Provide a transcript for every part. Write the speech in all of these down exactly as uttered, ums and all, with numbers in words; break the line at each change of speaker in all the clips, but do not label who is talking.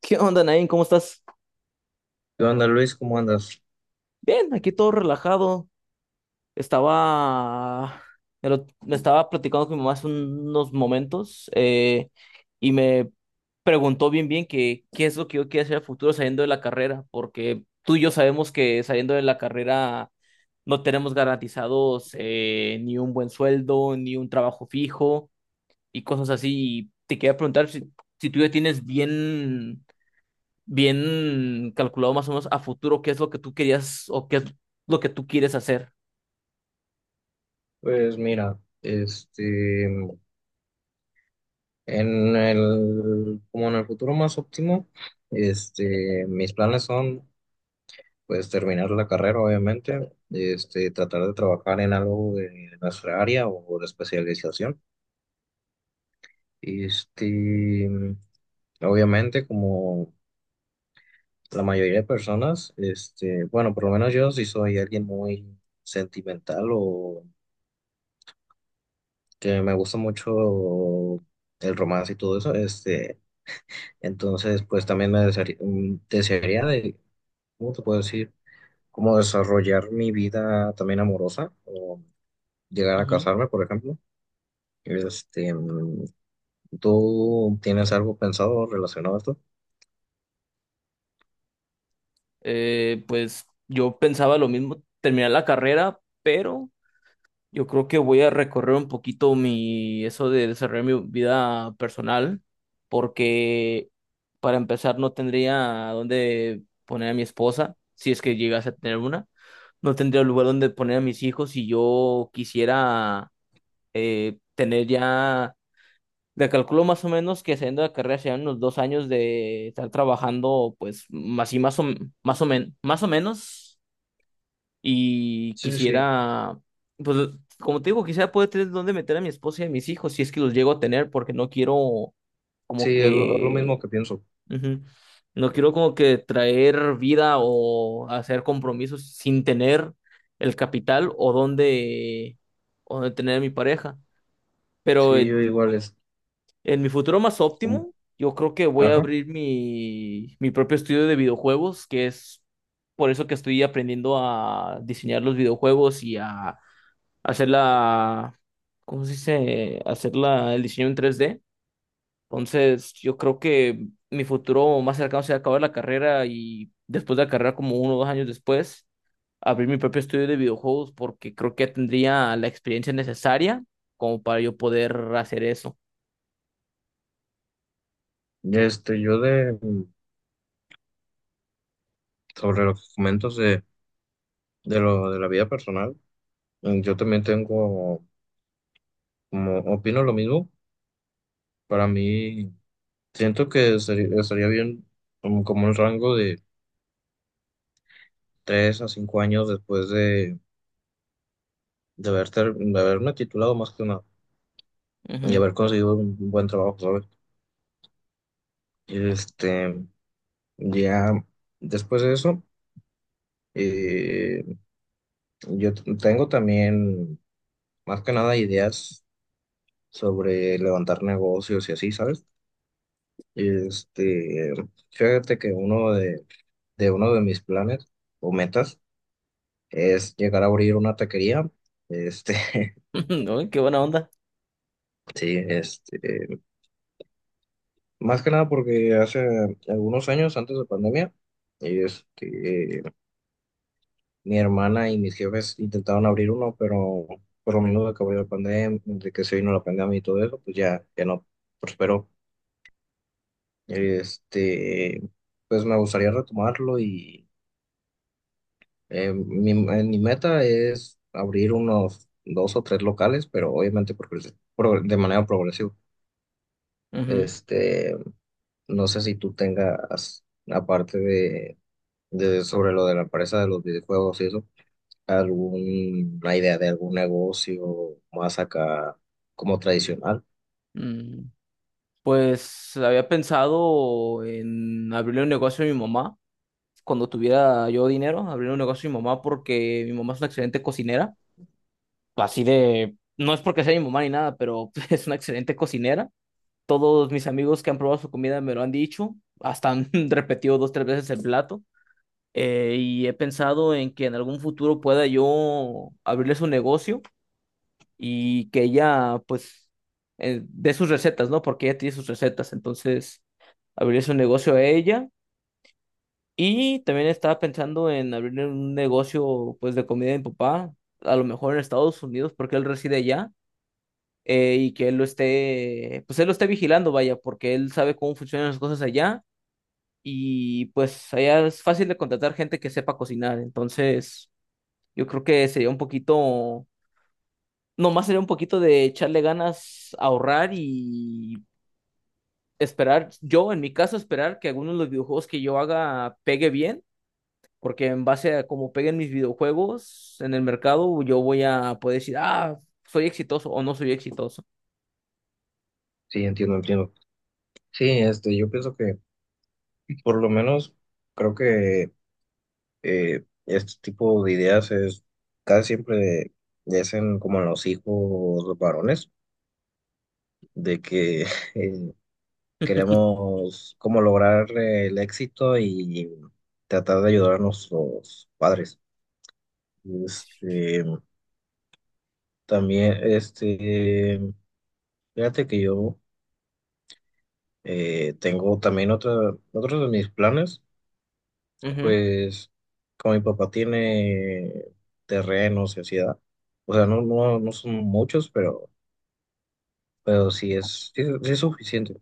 ¿Qué onda, Nain? ¿Cómo estás?
¿Qué onda, Luis? ¿Cómo andas?
Bien, aquí todo relajado. Estaba, me lo- me estaba platicando con mi mamá hace unos momentos, eh, y me preguntó bien bien que qué es lo que yo quiero hacer a futuro saliendo de la carrera, porque tú y yo sabemos que saliendo de la carrera no tenemos garantizados, eh, ni un buen sueldo, ni un trabajo fijo y cosas así. Y te quería preguntar si, si tú ya tienes bien bien calculado más o menos a futuro qué es lo que tú querías o qué es lo que tú quieres hacer.
Pues mira, este, en el, como en el futuro más óptimo, este, mis planes son, pues, terminar la carrera, obviamente, este, tratar de trabajar en algo de nuestra área o de especialización. Este, obviamente, como la mayoría de personas, este, bueno, por lo menos yo sí soy alguien muy sentimental o que me gusta mucho el romance y todo eso, este. Entonces, pues también me desearía, mm, desearía de, ¿cómo te puedo decir? Como desarrollar mi vida también amorosa o llegar a
Ujú.
casarme, por ejemplo. Este, mm, ¿tú tienes algo pensado relacionado a esto?
Eh, pues yo pensaba lo mismo, terminar la carrera, pero yo creo que voy a recorrer un poquito mi, eso de desarrollar mi vida personal, porque para empezar no tendría dónde poner a mi esposa, si es que llegase a tener una, no tendría lugar donde poner a mis hijos si yo quisiera, eh, tener ya. Le calculo más o menos que saliendo de la carrera serían unos dos años de estar trabajando, pues, así más o, más o, men- más o menos. Y
Sí, sí, sí,
quisiera, pues, como te digo, quisiera poder tener dónde meter a mi esposa y a mis hijos, si es que los llego a tener, porque no quiero como
sí, es lo, lo
que,
mismo que pienso.
ujú, no quiero como que traer vida o hacer compromisos sin tener el capital o dónde, o dónde tener a mi pareja. Pero.
Sí, yo igual es,
En mi futuro más
mm,
óptimo, yo creo que voy a
ajá.
abrir mi, mi propio estudio de videojuegos, que es por eso que estoy aprendiendo a diseñar los videojuegos y a hacer la, ¿cómo se dice? Hacer la, el diseño en tres d. Entonces, yo creo que mi futuro más cercano será acabar la carrera y después de la carrera, como uno o dos años después, abrir mi propio estudio de videojuegos porque creo que tendría la experiencia necesaria como para yo poder hacer eso.
Este, yo de, mm, sobre los comentos de, de lo de la vida personal, mm, yo también tengo, como, opino lo mismo. Para mí, siento que seri- estaría bien um, como un rango de tres a cinco años después de, de, haber ter- de haberme titulado más que nada y
Ujú.
haber conseguido un buen trabajo, ¿sabes? Este, ya después de eso, eh, yo t- tengo también más que nada ideas sobre levantar negocios y así, ¿sabes? Este, fíjate que uno de, de uno de mis planes o metas es llegar a abrir una taquería. Este,
Uy, qué buena onda.
Sí, este, más que nada porque hace algunos años, antes de pandemia, este, mi hermana y mis jefes intentaron abrir uno, pero por lo menos de que abrió la pandemia, de que se vino la pandemia y todo eso, pues ya, ya no prosperó. Este, pues me gustaría retomarlo y eh, mi, eh, mi meta es abrir unos dos o tres locales, pero obviamente por, pro- de manera progresiva.
Ujú.
Este, No sé si tú tengas, aparte de, de sobre lo de la empresa de los videojuegos y eso, alguna idea de algún negocio más acá como tradicional.
Mm, Pues había pensado en abrirle un negocio a mi mamá. Cuando tuviera yo dinero, abrirle un negocio a mi mamá porque mi mamá es una excelente cocinera. Así de, no es porque sea mi mamá ni nada, pero es una excelente cocinera. Todos mis amigos que han probado su comida me lo han dicho. Hasta han repetido dos, tres veces el plato. Eh, y he pensado en que en algún futuro pueda yo abrirle su negocio y que ella, pues, eh, dé sus recetas, ¿no? Porque ella tiene sus recetas, entonces abrir su negocio a ella. Y también estaba pensando en abrir un negocio, pues, de comida de mi papá, a lo mejor en Estados Unidos, porque él reside allá, eh, y que él lo esté, pues, él lo esté vigilando, vaya, porque él sabe cómo funcionan las cosas allá, y pues allá es fácil de contratar gente que sepa cocinar, entonces yo creo que sería un poquito. Nomás sería un poquito de echarle ganas, ahorrar y esperar, yo en mi caso, esperar que algunos de los videojuegos que yo haga pegue bien, porque en base a cómo peguen mis videojuegos en el mercado, yo voy a poder decir, ah, soy exitoso o no soy exitoso.
Sí, entiendo, entiendo. Sí, este, yo pienso que por lo menos creo que eh, este tipo de ideas es casi siempre le hacen como a los hijos varones, de que queremos como lograr eh, el éxito y tratar de ayudar a nuestros padres. Este, también, este, fíjate que yo eh, tengo también otra, otros de mis planes,
Ujú,
pues como mi papá tiene terrenos y así, ¿verdad? O sea, no, no, no son muchos, pero, pero sí es, sí es sí es suficiente.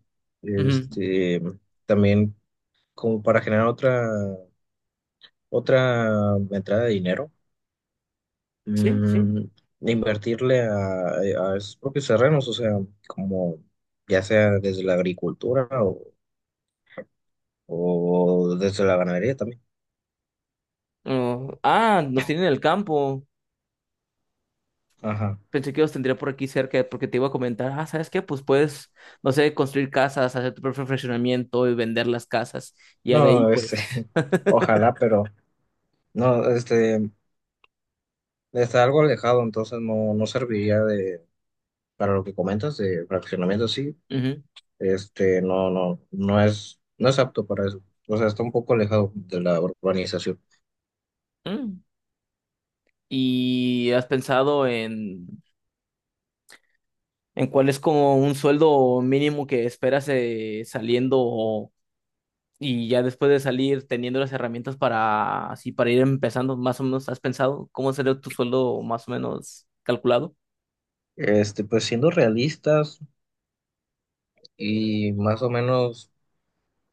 ujú.
Este, también como para generar otra, otra entrada de dinero,
Sí, sí.
mm, invertirle a, eh, a esos propios terrenos, o sea, como ya sea desde la agricultura o, o desde la ganadería también.
Oh, ah, nos tienen en el campo.
Ajá.
Pensé que los tendría por aquí cerca porque te iba a comentar, ah, ¿sabes qué? Pues puedes, no sé, construir casas, hacer tu propio fraccionamiento y vender las casas. Y ya de ahí,
No, este,
pues.
ojalá, pero no, este, está algo alejado, entonces no, no serviría de, para lo que comentas, de fraccionamiento, sí,
Ujú.
este, no, no, no es, no es apto para eso. O sea, está un poco alejado de la urbanización.
Mm. ¿Y has pensado en, en, cuál es como un sueldo mínimo que esperas, eh, saliendo o- y ya después de salir teniendo las herramientas para así para ir empezando más o menos? ¿Has pensado cómo sería tu sueldo más o menos calculado?
Este, pues siendo realistas y más o menos.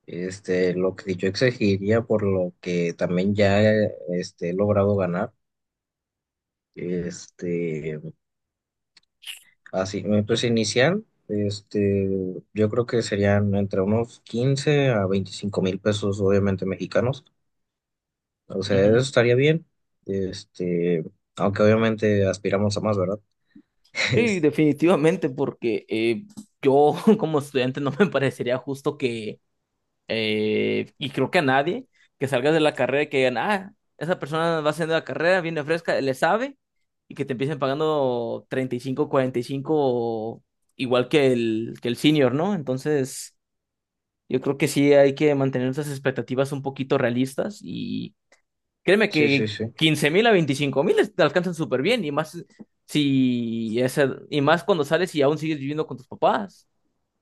Este, lo que yo exigiría por lo que también ya este, he logrado ganar, este, así, pues inicial, este, yo creo que serían entre unos quince a veinticinco mil pesos, obviamente mexicanos, o sea, eso
Ujú.
estaría bien, este, aunque obviamente aspiramos a más, ¿verdad?
Sí,
Es-
definitivamente, porque eh, yo como estudiante no me parecería justo que. Eh, y creo que a nadie que salgas de la carrera y que digan, ah, esa persona va haciendo la carrera, viene fresca, le sabe, y que te empiecen pagando treinta y cinco cuarenta y cinco igual que el, que el senior, ¿no? Entonces, yo creo que sí hay que mantener esas expectativas un poquito realistas y créeme
Sí, sí,
que
sí,
quince mil a veinticinco mil te alcanzan súper bien y más si ese, y más cuando sales y aún sigues viviendo con tus papás.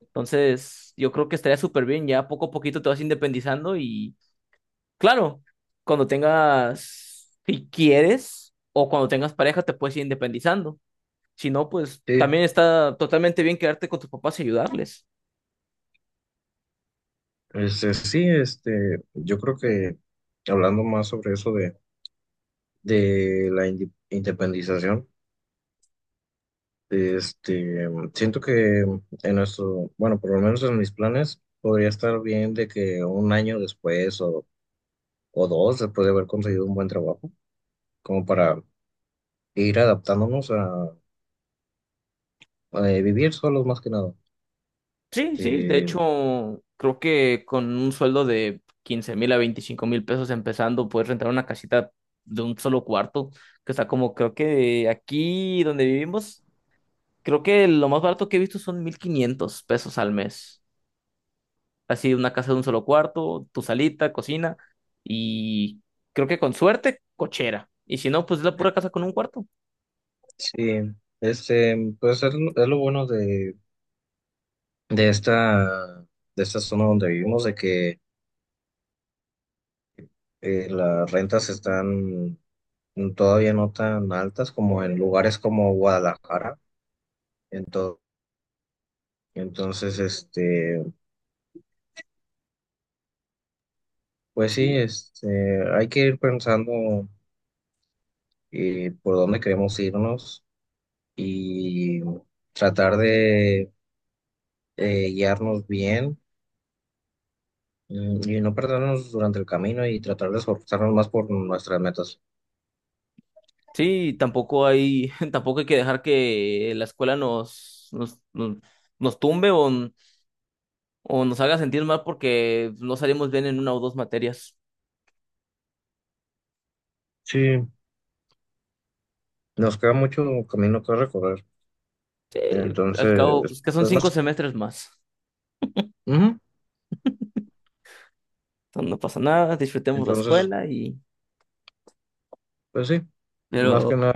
Entonces, yo creo que estaría súper bien, ya poco a poquito te vas independizando y claro, cuando tengas, si quieres, o cuando tengas pareja, te puedes ir independizando. Si no, pues
sí,
también está totalmente bien quedarte con tus papás y ayudarles.
este, sí, este, yo creo que hablando más sobre eso de, de la indi- independización, Este, siento que en nuestro, bueno, por lo menos en mis planes, podría estar bien de que un año después o, o dos, después de haber conseguido un buen trabajo, como para ir adaptándonos a, a, eh, vivir solos más que nada.
Sí, sí, de
Eh,
hecho, creo que con un sueldo de quince mil a veinticinco mil pesos empezando, puedes rentar una casita de un solo cuarto, que está como, creo que aquí donde vivimos, creo que lo más barato que he visto son mil quinientos pesos al mes. Así una casa de un solo cuarto, tu salita, cocina y creo que con suerte, cochera. Y si no, pues es la pura casa con un cuarto.
sí, este, pues es, lo es lo bueno de, de esta, de esta zona donde vivimos, de que eh, las rentas están todavía no tan altas como en lugares como Guadalajara. entonces Entonces, este, pues sí,
Sí.
este, hay que ir pensando eh, por dónde queremos irnos y tratar de eh, guiarnos bien, mm, y no perdernos durante el camino y tratar de esforzarnos más por nuestras metas.
Sí, tampoco hay, tampoco hay que dejar que la escuela nos, nos, nos, nos tumbe o, o nos haga sentir mal porque no salimos bien en una o dos materias.
Sí, nos queda mucho camino que recorrer.
Sí, al cabo,
Entonces,
pues que son
pues
cinco
más,
semestres más.
ujú,
Entonces, no pasa nada, disfrutemos la
entonces,
escuela y.
pues sí, más
Pero
que nada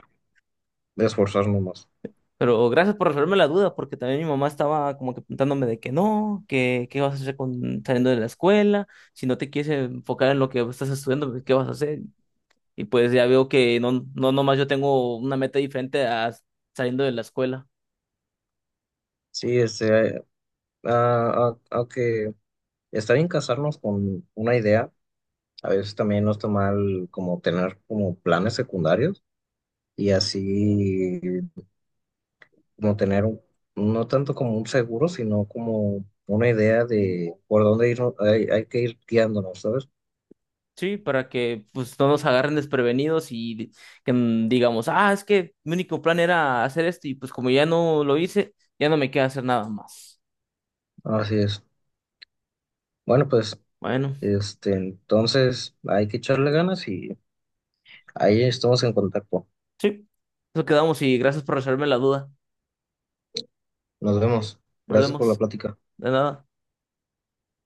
esforzarnos más.
Pero gracias por resolverme la duda, porque también mi mamá estaba como que preguntándome de que no, que qué vas a hacer con, saliendo de la escuela, si no te quieres enfocar en lo que estás estudiando, pues, ¿qué vas a hacer? Y pues ya veo que no, no nomás yo tengo una meta diferente a saliendo de la escuela.
Sí, este, ah, ah, ok. Está bien casarnos con una idea, a veces también no está mal como tener como planes secundarios y así como tener un- no tanto como un seguro, sino como una idea de por dónde ir, hay, hay que ir guiándonos, ¿sabes?
Sí, para que pues no nos agarren desprevenidos y que mm, digamos, ah, es que mi único plan era hacer esto y pues como ya no lo hice, ya no me queda hacer nada más.
Así es. Bueno, pues
Bueno,
este, entonces hay que echarle ganas y ahí estamos en contacto.
sí, eso quedamos y gracias por resolverme la duda.
Nos vemos.
Nos
Gracias por la
vemos.
plática.
De nada.